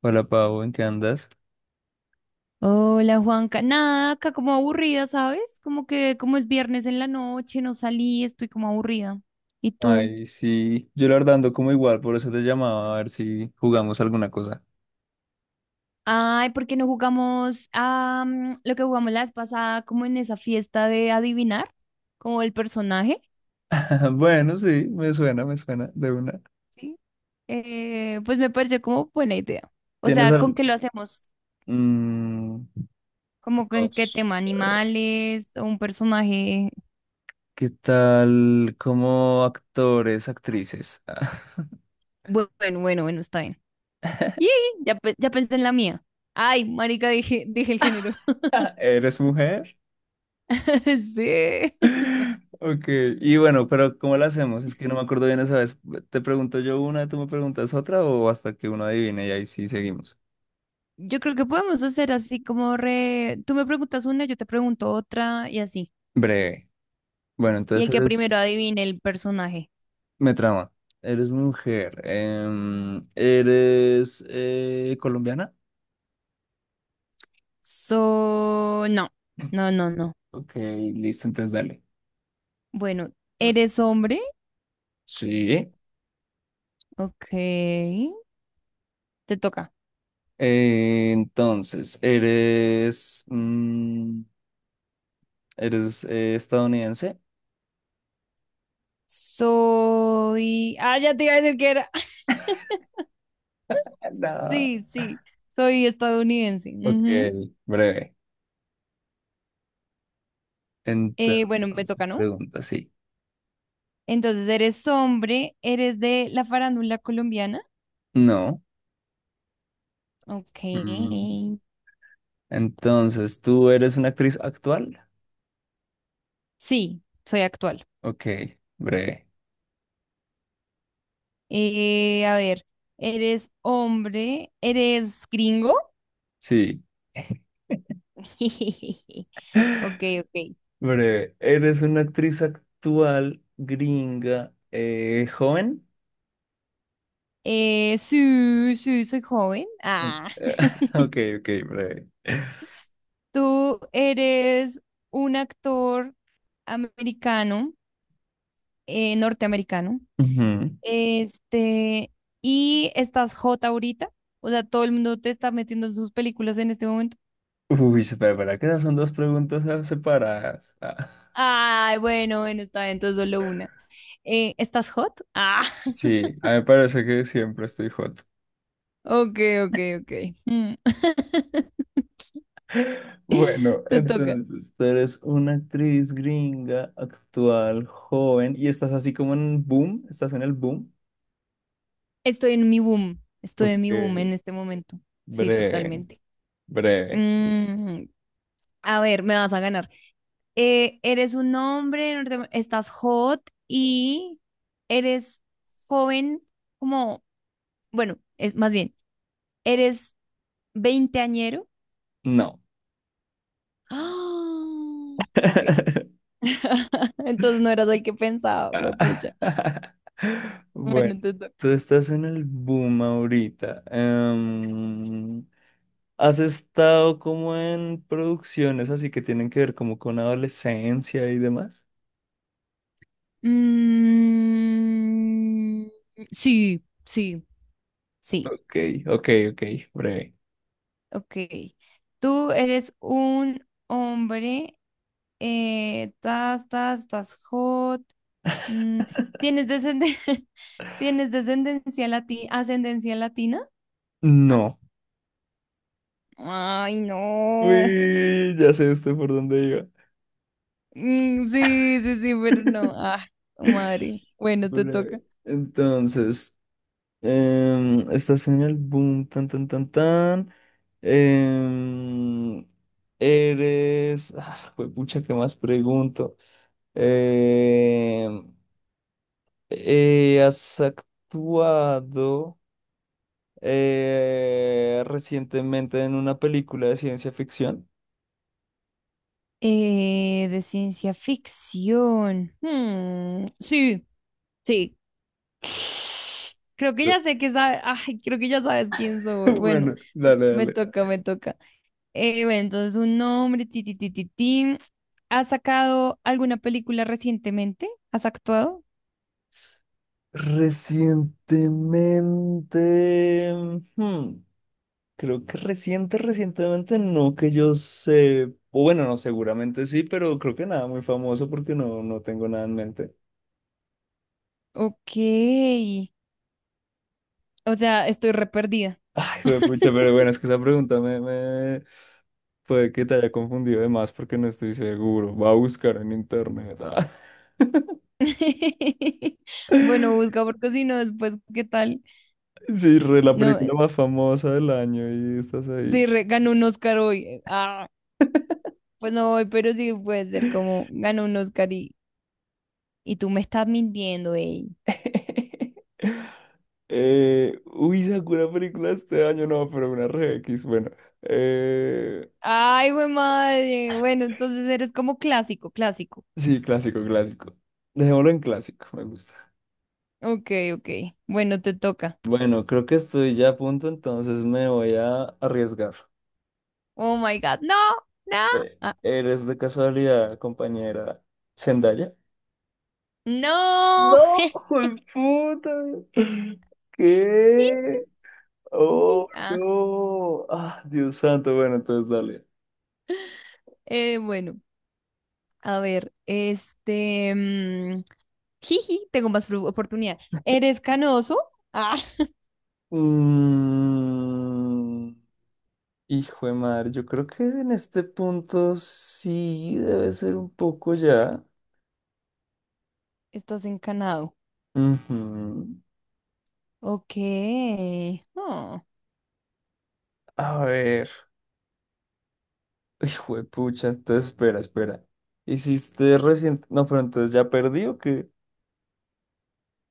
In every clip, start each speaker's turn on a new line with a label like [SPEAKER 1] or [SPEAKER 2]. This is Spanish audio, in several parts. [SPEAKER 1] Hola Pau, ¿en qué andas?
[SPEAKER 2] Hola Juanca, nada, acá como aburrida, ¿sabes? Como que como es viernes en la noche, no salí, estoy como aburrida. ¿Y tú?
[SPEAKER 1] Ay, sí, yo la verdad ando como igual, por eso te llamaba a ver si jugamos alguna cosa.
[SPEAKER 2] Ay, ¿por qué no jugamos a lo que jugamos la vez pasada, como en esa fiesta de adivinar, como el personaje?
[SPEAKER 1] Bueno, sí, me suena, de una.
[SPEAKER 2] ¿Sí? Pues me pareció como buena idea. O
[SPEAKER 1] ¿Tienes
[SPEAKER 2] sea, ¿con
[SPEAKER 1] al...
[SPEAKER 2] qué lo hacemos?
[SPEAKER 1] mm,
[SPEAKER 2] ¿Como
[SPEAKER 1] no
[SPEAKER 2] con qué tema?
[SPEAKER 1] sé.
[SPEAKER 2] ¿Animales o un personaje?
[SPEAKER 1] ¿Qué tal como actores, actrices?
[SPEAKER 2] Bueno, bueno, bueno, está bien. Yee, ya, ya pensé en la mía. Ay, marica, dije, dije el género.
[SPEAKER 1] ¿Eres mujer?
[SPEAKER 2] Sí.
[SPEAKER 1] Ok, y bueno, pero ¿cómo la hacemos? Es que no me acuerdo bien esa vez. ¿Te pregunto yo una, tú me preguntas otra o hasta que uno adivine y ahí sí seguimos?
[SPEAKER 2] Yo creo que podemos hacer así como re... Tú me preguntas una, yo te pregunto otra y así.
[SPEAKER 1] Breve. Bueno,
[SPEAKER 2] Y el
[SPEAKER 1] entonces
[SPEAKER 2] que primero
[SPEAKER 1] eres...
[SPEAKER 2] adivine el personaje.
[SPEAKER 1] Me trama. Eres mujer. Eres colombiana.
[SPEAKER 2] So, no, no, no, no.
[SPEAKER 1] Ok, listo, entonces dale.
[SPEAKER 2] Bueno,
[SPEAKER 1] Mm.
[SPEAKER 2] ¿eres hombre?
[SPEAKER 1] Sí.
[SPEAKER 2] Ok, te toca.
[SPEAKER 1] Entonces, eres eres estadounidense.
[SPEAKER 2] Soy... Ah, ya te iba a decir que era.
[SPEAKER 1] No.
[SPEAKER 2] Sí, sí, soy estadounidense.
[SPEAKER 1] Ok,
[SPEAKER 2] Ujú.
[SPEAKER 1] breve.
[SPEAKER 2] Bueno, me
[SPEAKER 1] Entonces,
[SPEAKER 2] toca, ¿no?
[SPEAKER 1] pregunta, sí.
[SPEAKER 2] Entonces, ¿eres hombre? ¿Eres de la farándula colombiana?
[SPEAKER 1] No.
[SPEAKER 2] Ok.
[SPEAKER 1] Mm, entonces, ¿tú eres una actriz actual?
[SPEAKER 2] Sí, soy actual.
[SPEAKER 1] Ok, breve.
[SPEAKER 2] A ver, ¿eres hombre? ¿Eres gringo?
[SPEAKER 1] Sí.
[SPEAKER 2] Ok, ok.
[SPEAKER 1] Breve, eres una actriz actual, gringa, joven.
[SPEAKER 2] Sí, sí, soy joven.
[SPEAKER 1] Ok,
[SPEAKER 2] Ah,
[SPEAKER 1] ok, ok, breve.
[SPEAKER 2] ¿tú eres un actor americano, norteamericano?
[SPEAKER 1] Ujú.
[SPEAKER 2] Este, ¿y estás hot ahorita? O sea, todo el mundo te está metiendo en sus películas en este momento.
[SPEAKER 1] Uy, espera, espera, que esas son dos preguntas separadas. Ah,
[SPEAKER 2] Ay, bueno, bueno, está bien, entonces solo una. ¿Estás hot? Ah,
[SPEAKER 1] sí, a mí me parece que siempre estoy hot.
[SPEAKER 2] ok, ok, ok. Mm.
[SPEAKER 1] Bueno,
[SPEAKER 2] Te toca.
[SPEAKER 1] entonces, tú eres una actriz gringa, actual, joven, y estás así como en boom, estás en el boom.
[SPEAKER 2] Estoy en mi boom. Estoy en
[SPEAKER 1] Ok,
[SPEAKER 2] mi boom en este momento. Sí,
[SPEAKER 1] breve,
[SPEAKER 2] totalmente.
[SPEAKER 1] breve.
[SPEAKER 2] Mm, a ver, me vas a ganar. Eres un hombre, estás hot y eres joven, como, bueno, es más bien, eres veinteañero.
[SPEAKER 1] No.
[SPEAKER 2] ¡Ah! Ok. Entonces no eras el que pensaba,
[SPEAKER 1] Ah.
[SPEAKER 2] huepucha.
[SPEAKER 1] Bueno,
[SPEAKER 2] Bueno, te toca.
[SPEAKER 1] tú estás en el boom ahorita. ¿Has estado como en producciones así que tienen que ver como con adolescencia y demás?
[SPEAKER 2] Mm, sí, sí, sí.
[SPEAKER 1] Ok, ok, ok, breve.
[SPEAKER 2] Ok. Tú eres un hombre, tas, tas, tas, hot. mm, ¿Tienes ¿tienes descendencia latina, ascendencia latina?
[SPEAKER 1] No.
[SPEAKER 2] Ay, no.
[SPEAKER 1] Uy, ya sé usted por dónde iba.
[SPEAKER 2] Mm, sí, sí, sí, pero no. Ah, madre. Bueno, te toca.
[SPEAKER 1] Breve. Entonces, estás en el boom, tan, tan, tan, tan. Em, Eres. Ah, pucha, ¿qué más pregunto? Em, ¿Has actuado recientemente en una película de ciencia ficción?
[SPEAKER 2] De ciencia ficción. Hmm, sí, sí. Creo que ya sé que ay, creo que ya sabes quién soy. Bueno,
[SPEAKER 1] Bueno, dale,
[SPEAKER 2] me
[SPEAKER 1] dale.
[SPEAKER 2] toca, me toca. Bueno, entonces un nombre, ti, ti, ti, ti, ti. ¿Has sacado alguna película recientemente? ¿Has actuado?
[SPEAKER 1] Recientemente. Hmm. Creo que reciente, recientemente no que yo sé, o bueno, no, seguramente sí, pero creo que nada muy famoso porque no, no tengo nada en mente.
[SPEAKER 2] Ok. O sea, estoy re perdida.
[SPEAKER 1] Ay, pucha, pero bueno, es que esa pregunta puede que te haya confundido de más porque no estoy seguro. Va a buscar en internet. Ah.
[SPEAKER 2] Bueno, busca porque si no, después, ¿qué tal?
[SPEAKER 1] Sí, re, la
[SPEAKER 2] No,
[SPEAKER 1] película más famosa del año y estás ahí.
[SPEAKER 2] sí, re- ganó un Oscar hoy. Ah, pues no voy, pero sí puede ser como ganó un Oscar y tú me estás mintiendo, ey.
[SPEAKER 1] Uy, sacó una película este año, no, pero una re X, bueno. Eh,
[SPEAKER 2] Ay, güey, madre. Bueno, entonces eres como clásico, clásico.
[SPEAKER 1] sí, clásico, clásico. Dejémoslo en clásico, me gusta.
[SPEAKER 2] Ok, ok. Bueno, te toca.
[SPEAKER 1] Bueno, creo que estoy ya a punto, entonces me voy a arriesgar.
[SPEAKER 2] Oh my God. No, no, ah,
[SPEAKER 1] ¿Eres de casualidad, compañera Zendaya?
[SPEAKER 2] no.
[SPEAKER 1] No, puta. ¿Qué? Oh,
[SPEAKER 2] Ah,
[SPEAKER 1] no. Ah, Dios santo. Bueno, entonces dale.
[SPEAKER 2] bueno, a ver, este. Jiji, tengo más oportunidad. ¿Eres canoso? Ah,
[SPEAKER 1] Mm, hijo de madre, yo creo que en este punto sí debe ser un poco ya.
[SPEAKER 2] estás encanado.
[SPEAKER 1] Ujú.
[SPEAKER 2] Ok. Oh.
[SPEAKER 1] A ver. Hijo de pucha, entonces espera, espera. Hiciste recién. No, pero entonces ¿ya perdí o qué?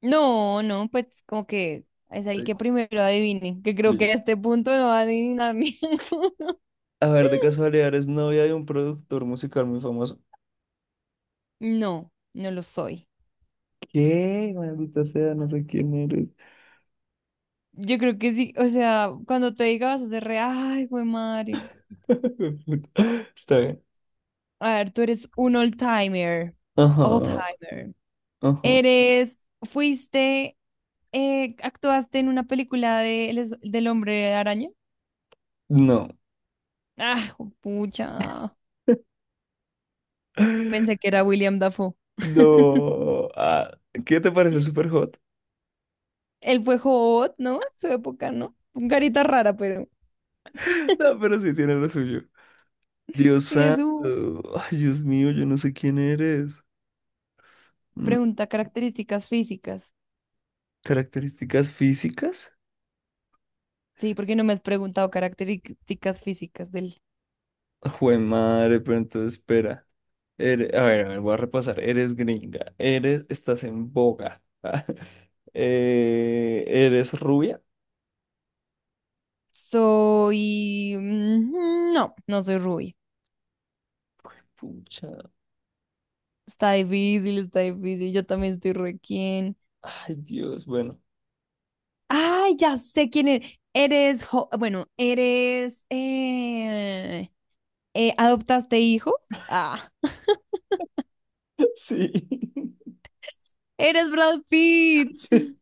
[SPEAKER 2] No, no, pues como que es el
[SPEAKER 1] Sí.
[SPEAKER 2] que primero adivine, que creo que
[SPEAKER 1] Li-
[SPEAKER 2] a este punto no va a adivinar ninguno.
[SPEAKER 1] A ver, de casualidad eres novia de un productor musical muy famoso.
[SPEAKER 2] No, no lo soy.
[SPEAKER 1] ¿Qué? Maldita sea, no sé quién eres.
[SPEAKER 2] Yo creo que sí, o sea, cuando te diga vas a hacer re, ay, güey.
[SPEAKER 1] Hijo de puta. Está bien.
[SPEAKER 2] A ver, tú eres un old-timer.
[SPEAKER 1] Ajá,
[SPEAKER 2] Old-timer.
[SPEAKER 1] ajá.
[SPEAKER 2] Eres, fuiste, actuaste en una película de, del Hombre Araña.
[SPEAKER 1] No.
[SPEAKER 2] Ah, pucha. Pensé que era William Dafoe.
[SPEAKER 1] No. Ah, ¿qué te parece súper hot?
[SPEAKER 2] Él fue hot, ¿no? En su época, ¿no? Un carita rara, pero.
[SPEAKER 1] No, pero sí tiene lo suyo. Dios
[SPEAKER 2] Es
[SPEAKER 1] santo.
[SPEAKER 2] su
[SPEAKER 1] Ay, Dios mío, yo no sé quién eres.
[SPEAKER 2] pregunta características físicas.
[SPEAKER 1] Características físicas.
[SPEAKER 2] Sí, porque no me has preguntado características físicas de él.
[SPEAKER 1] Jue madre, pero entonces espera. Ere- a ver, voy a repasar. Eres gringa. Eres, estás en boga. Eres rubia.
[SPEAKER 2] Soy. No, no soy rubia.
[SPEAKER 1] Pucha.
[SPEAKER 2] Está difícil, está difícil. Yo también estoy requien.
[SPEAKER 1] Ay, Dios, bueno.
[SPEAKER 2] Ay, ya sé quién eres. Eres, bueno, eres, ¿adoptaste hijos? Ah,
[SPEAKER 1] Sí.
[SPEAKER 2] eres Brad Pitt.
[SPEAKER 1] Sí.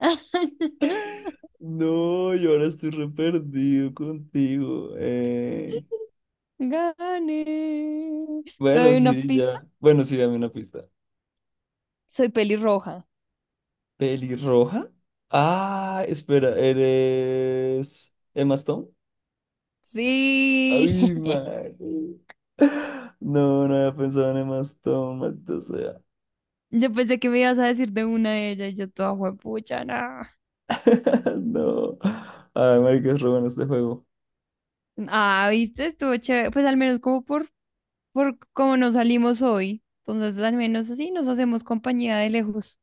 [SPEAKER 1] No, yo ahora estoy re perdido contigo.
[SPEAKER 2] Gané. ¿Te
[SPEAKER 1] Bueno,
[SPEAKER 2] doy una
[SPEAKER 1] sí,
[SPEAKER 2] pista?
[SPEAKER 1] ya. Bueno, sí, dame una pista.
[SPEAKER 2] Soy pelirroja.
[SPEAKER 1] ¿Pelirroja? Ah, espera, ¿eres Emma Stone?
[SPEAKER 2] Sí.
[SPEAKER 1] Ay, madre. No, no había pensado en Emma Stone, maldita sea.
[SPEAKER 2] Yo pensé que me ibas a decir de una de ellas y yo toda juepucha, no.
[SPEAKER 1] No. Ay, marica, es re bueno este juego.
[SPEAKER 2] Ah, ¿viste? Estuvo chévere. Pues al menos como por cómo nos salimos hoy. Entonces al menos así nos hacemos compañía de lejos.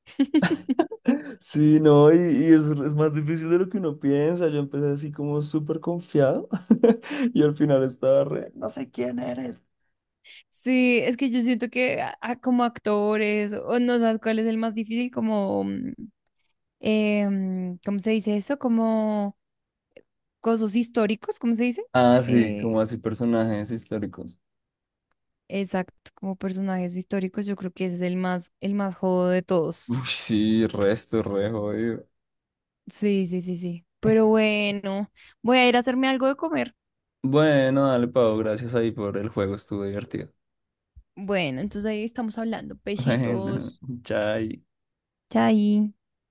[SPEAKER 1] Sí, no, y es más difícil de lo que uno piensa. Yo empecé así como súper confiado y al final estaba re, no sé quién eres.
[SPEAKER 2] Sí, es que yo siento que como actores, o no sabes cuál es el más difícil, como, ¿cómo se dice eso? Como cosas históricos, ¿cómo se dice?
[SPEAKER 1] Ah, sí,
[SPEAKER 2] Eh,
[SPEAKER 1] como así personajes históricos.
[SPEAKER 2] exacto, como personajes históricos, yo creo que ese es el más jodo de todos.
[SPEAKER 1] Uy, sí, resto, re jodido.
[SPEAKER 2] Sí, sí, sí, sí. Pero bueno, voy a ir a hacerme algo de comer.
[SPEAKER 1] Bueno, dale, Pau, gracias ahí por el juego, estuvo divertido.
[SPEAKER 2] Bueno, entonces ahí estamos hablando.
[SPEAKER 1] Bueno,
[SPEAKER 2] Pechitos.
[SPEAKER 1] chai.
[SPEAKER 2] Chai.